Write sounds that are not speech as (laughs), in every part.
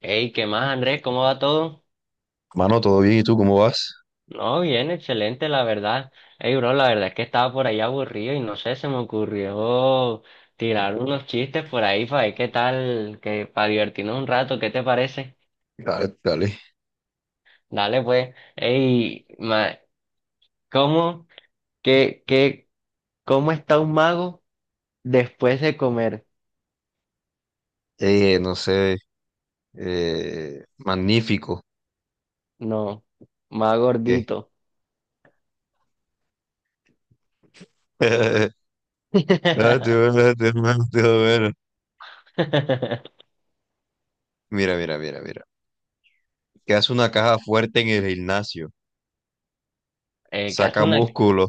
Hey, ¿qué más, Andrés? ¿Cómo va todo? Mano, todo bien, ¿y tú cómo vas? No, bien, excelente, la verdad. Hey, bro, la verdad es que estaba por ahí aburrido y no sé, se me ocurrió tirar unos chistes por ahí para ver qué tal, que para divertirnos un rato, ¿qué te parece? Dale, dale. Dale, pues. Hey, ¿cómo, qué, qué, cómo está un mago después de comer? No sé, magnífico. No, más ¿Qué? gordito. (laughs) Ah. (laughs) Te voy a Mira, mira, mira, mira. ¿Que hace una caja fuerte en el gimnasio? Que hace Saca una músculo.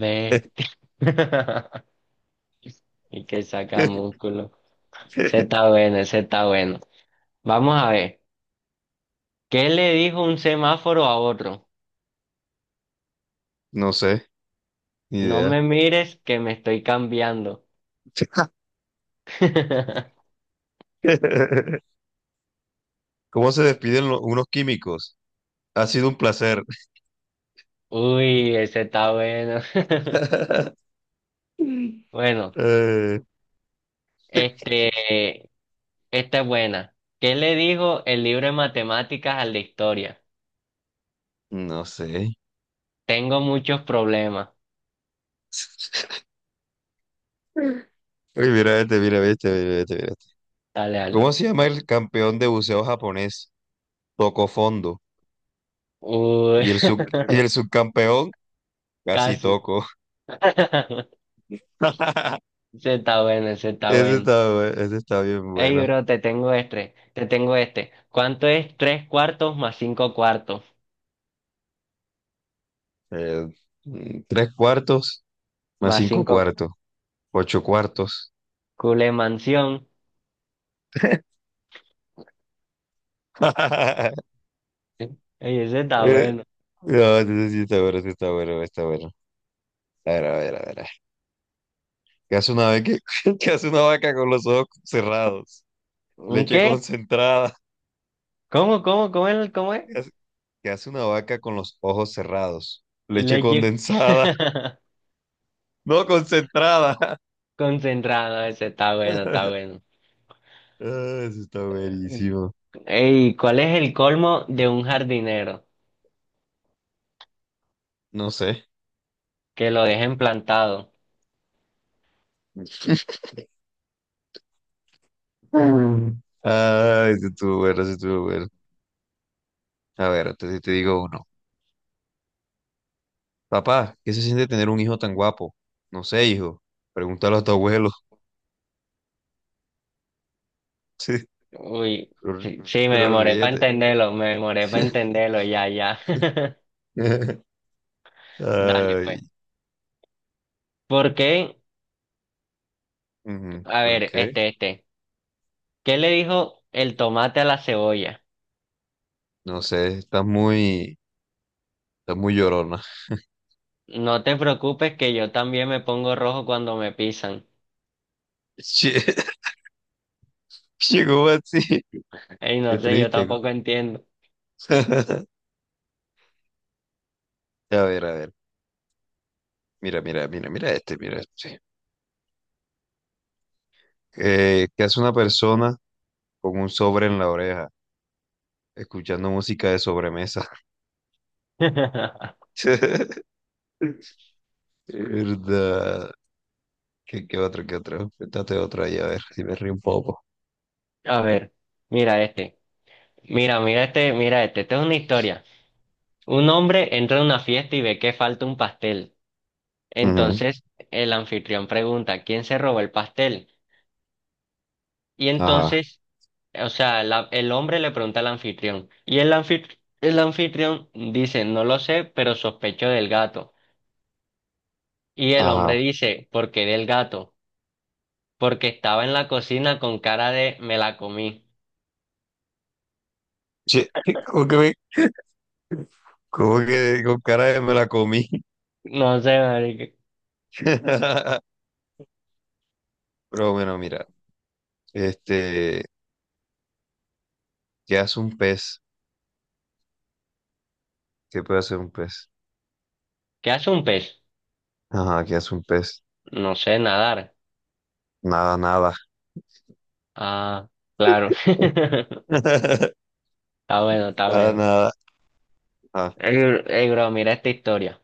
bestia (laughs) y que saca (laughs) músculo. Ese está bueno, ese está bueno. Vamos a ver. ¿Qué le dijo un semáforo a otro? No sé, ni No idea. me mires que me estoy cambiando. (laughs) (laughs) ¿Cómo se despiden unos químicos? Ha sido un placer. Uy, ese está bueno. (laughs) (laughs) Bueno, Eh, este, esta es buena. ¿Qué le dijo el libro de matemáticas al de historia? no sé. Tengo muchos problemas. Uy, mira este, mira este, mira este, mira este. Dale, dale. ¿Cómo se llama el campeón de buceo japonés? Toco fondo. Uy, Y el subcampeón (laughs) casi casi. Toco. (laughs) (laughs) Ese está bueno, ese está Ese bueno. está, bu- ese está bien Ey, bueno. bro, te tengo este, te tengo este. ¿Cuánto es tres cuartos? Eh, tres cuartos más Más cinco cinco cuartos, ocho cuartos. cule mansión. (laughs) Ey, ese está Eh, bueno. no, ese sí está bueno, está bueno. A ver, a ver, a ver. A ver. ¿Qué hace una vez que, (laughs) ¿qué hace una vaca con los ojos cerrados? ¿Un Leche qué? concentrada. ¿Cómo es? ¿Cómo es? ¿Qué hace, qué hace una vaca con los ojos cerrados? Leche Leche condensada. (laughs) No, concentrada. concentrado, ese está bueno, está (laughs) bueno. Ah, eso está buenísimo. Ey, ¿cuál es el colmo de un jardinero? No sé. Que lo dejen plantado. Mm. Ah, eso estuvo bueno, eso estuvo bueno. A ver, entonces te digo uno. Papá, ¿qué se siente tener un hijo tan guapo? No sé, hijo. Pregúntalo a tu abuelo. (laughs) Sí, Uy, pero, sí, sí, me pero demoré para ríete. entenderlo, me demoré para (laughs) entenderlo, ya, ya. (laughs) Dale, Ay, pues. ¿Por qué? ujú, A ¿por ver, qué? este, este. ¿Qué le dijo el tomate a la cebolla? No sé, estás muy llorona. No te preocupes que yo también me pongo rojo cuando me pisan. (laughs) Che, llegó así. Ey, no Qué sé, yo triste. tampoco entiendo. (laughs) A ver, a ver. Mira, mira, mira, mira este, mira este. Sí. ¿Qué hace una persona con un sobre en la oreja, escuchando música de sobremesa? (laughs) (laughs) ¿Verdad? ¿Qué otro, qué otro? Cuéntate otro ahí, a ver si me río un poco. A ver, mira este. Mira, mira este, mira este. Esta es una historia. Un hombre entra a una fiesta y ve que falta un pastel. Ujú. Entonces el anfitrión pregunta, ¿quién se robó el pastel? Y Ajá, entonces O sea, el hombre le pregunta al anfitrión y el anfitrión dice, no lo sé, pero sospecho del gato. Y el hombre ajá. dice, ¿por qué del gato? Porque estaba en la cocina con cara de me la comí. Che, (laughs) ¿cómo que, me- cómo que con cara de me la comí? No sé, marica. (laughs) Pero bueno, mira, este, ¿qué hace un pez? ¿Qué puede hacer un pez? ¿Qué hace un pez? Ajá, ¿qué hace un pez? No sé nadar. Nada, nada. Ah, claro. (laughs) Está (laughs) bueno, está Para bueno. nada. Ah, Ey, ey, bro, mira esta historia.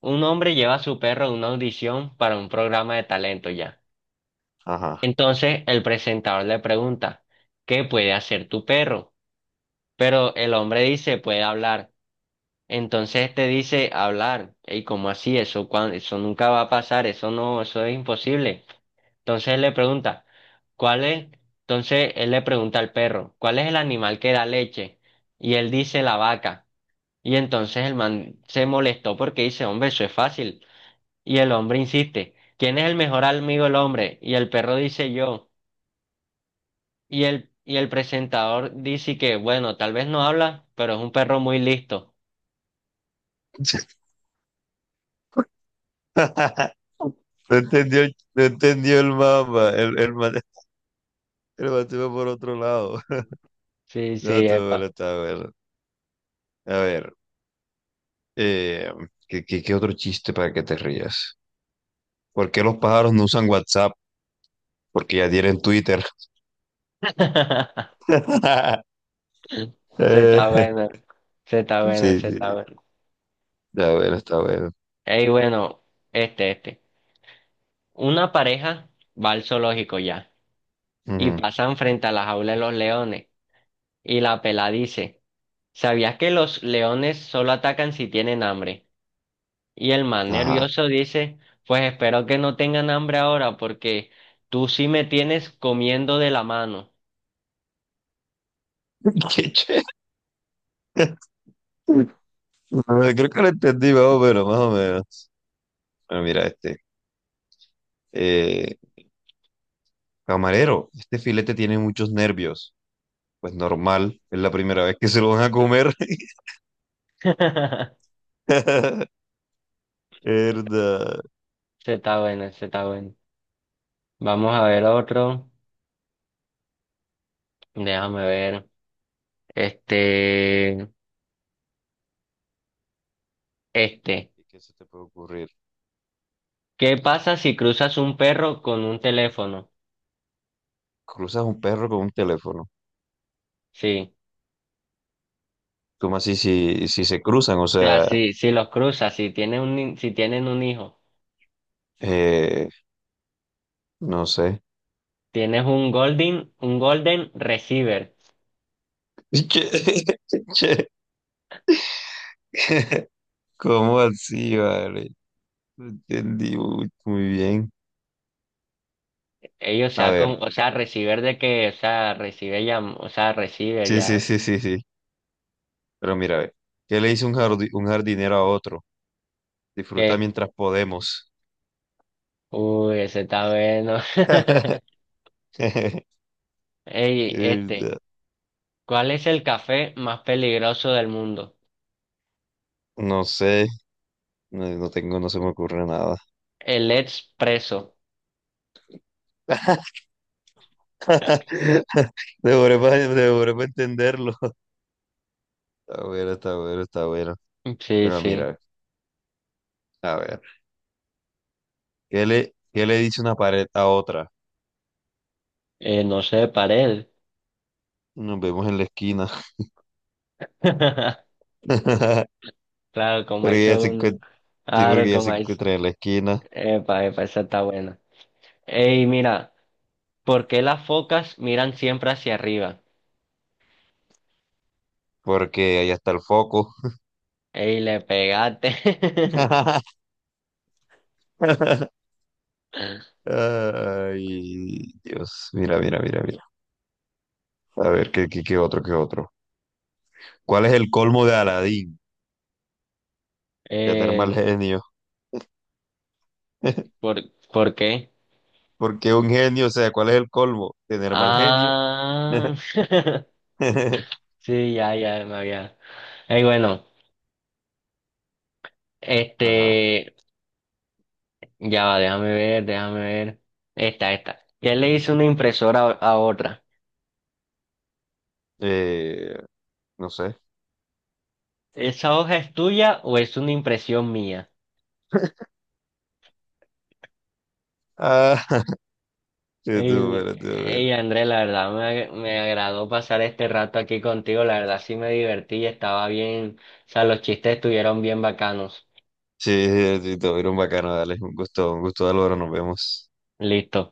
Un hombre lleva a su perro a una audición para un programa de talento ya. ajá. Entonces el presentador le pregunta, ¿qué puede hacer tu perro? Pero el hombre dice, puede hablar. Entonces te dice, hablar. ¿Y cómo así? Eso nunca va a pasar, eso no, eso es imposible. Entonces él le pregunta, ¿cuál es? Entonces él le pregunta al perro, ¿cuál es el animal que da leche? Y él dice, la vaca. Y entonces el man se molestó porque dice, hombre, eso es fácil. Y el hombre insiste, ¿quién es el mejor amigo del hombre? Y el perro dice, yo. Y el presentador dice que, bueno, tal vez no habla, pero es un perro muy listo. (laughs) No entendió, no entendió el mapa. El mate va por otro lado. (laughs) Sí, sí, No, tú bueno, epa. está bueno. A ver, eh, ¿qué, qué, qué otro chiste para que te rías? ¿Por qué los pájaros no usan WhatsApp? Porque ya tienen Twitter. (laughs) (laughs) Se está Eh, bueno, se está sí, bueno, sí, se está sí. bueno. Está bueno, está bueno. Ey, bueno, este. Una pareja va al zoológico ya y Ujú. pasan frente a la jaula de los leones. Y la pela dice, ¿sabías que los leones solo atacan si tienen hambre? Y el man Ajá. nervioso dice, pues espero que no tengan hambre ahora porque tú sí me tienes comiendo de la mano. (laughs) Qué chévere. Creo que lo entendí más o menos, más o menos. Bueno, mira este. Eh, Camarero, este filete tiene muchos nervios. Pues normal, es la primera vez que se lo van a comer. (laughs) (laughs) Verdad. Se está bueno, se está bueno. Vamos a ver otro. Déjame ver. Este, este. ¿Y qué se te puede ocurrir? ¿Qué pasa si cruzas un perro con un teléfono? Cruzas un perro con un teléfono. Sí. ¿Cómo así si se cruzan? O O sea, sea, si los cruzas, si tienen un, ni- si tienen un hijo, eh, no sé. tienes un golden receiver. (laughs) Che, che. (laughs) ¿Cómo así, vale? No entendí muy, muy bien. Ellos A sea ver, con, o sea, receiver de que, o sea, recibe ya, o sea, receiver sí, sí, ya. sí, sí, sí. Pero mira, ve. ¿Qué le dice un jardinero a otro? Disfruta ¿Qué? mientras podemos. Uy, ese está bueno. (laughs) (laughs) Ey, Eh, este. ¿Cuál es el café más peligroso del mundo? No sé, no, no tengo, no se me ocurre nada. El expreso. (laughs) Devoré para devoré pa entenderlo. (laughs) Está bueno, está bueno, está bueno. Sí, Pero sí. mira, a ver, ¿qué le dice una pared a otra? No sé, pared. Nos vemos en la esquina. (laughs) (laughs) Claro, como ahí Porque se ya se une. encuentra, sí, Claro, porque ya como se ahí. Encuentra en la esquina, Epa, epa, esa está buena. Ey, mira, ¿por qué las focas miran siempre hacia arriba? porque allá está el foco. Ey, le pegaste. (laughs) (laughs) Ay, Dios, mira, mira, mira, mira. A ver, ¿qué otro, qué otro? ¿Cuál es el colmo de Aladín? Tener mal Eh, genio. (laughs) ¿por, por qué? Porque un genio, o sea, ¿cuál es el colmo? Tener mal genio. Ah, (laughs) (laughs) sí, ya, ya, me había. Ey, bueno, Ajá. este. Ya va, déjame ver, déjame ver. Esta. ¿Qué le hizo una impresora a otra? Eh, no sé. ¿Esa hoja es tuya o es una impresión mía? Ah, (laughs) sí, tú, El, bueno, tú, bueno. ey, André, la verdad me agradó pasar este rato aquí contigo. La verdad sí me divertí, estaba bien. O sea, los chistes estuvieron bien bacanos. Sí, sí, sí, todo bien, bacano, dale. Un gusto, Álvaro, nos vemos. Listo.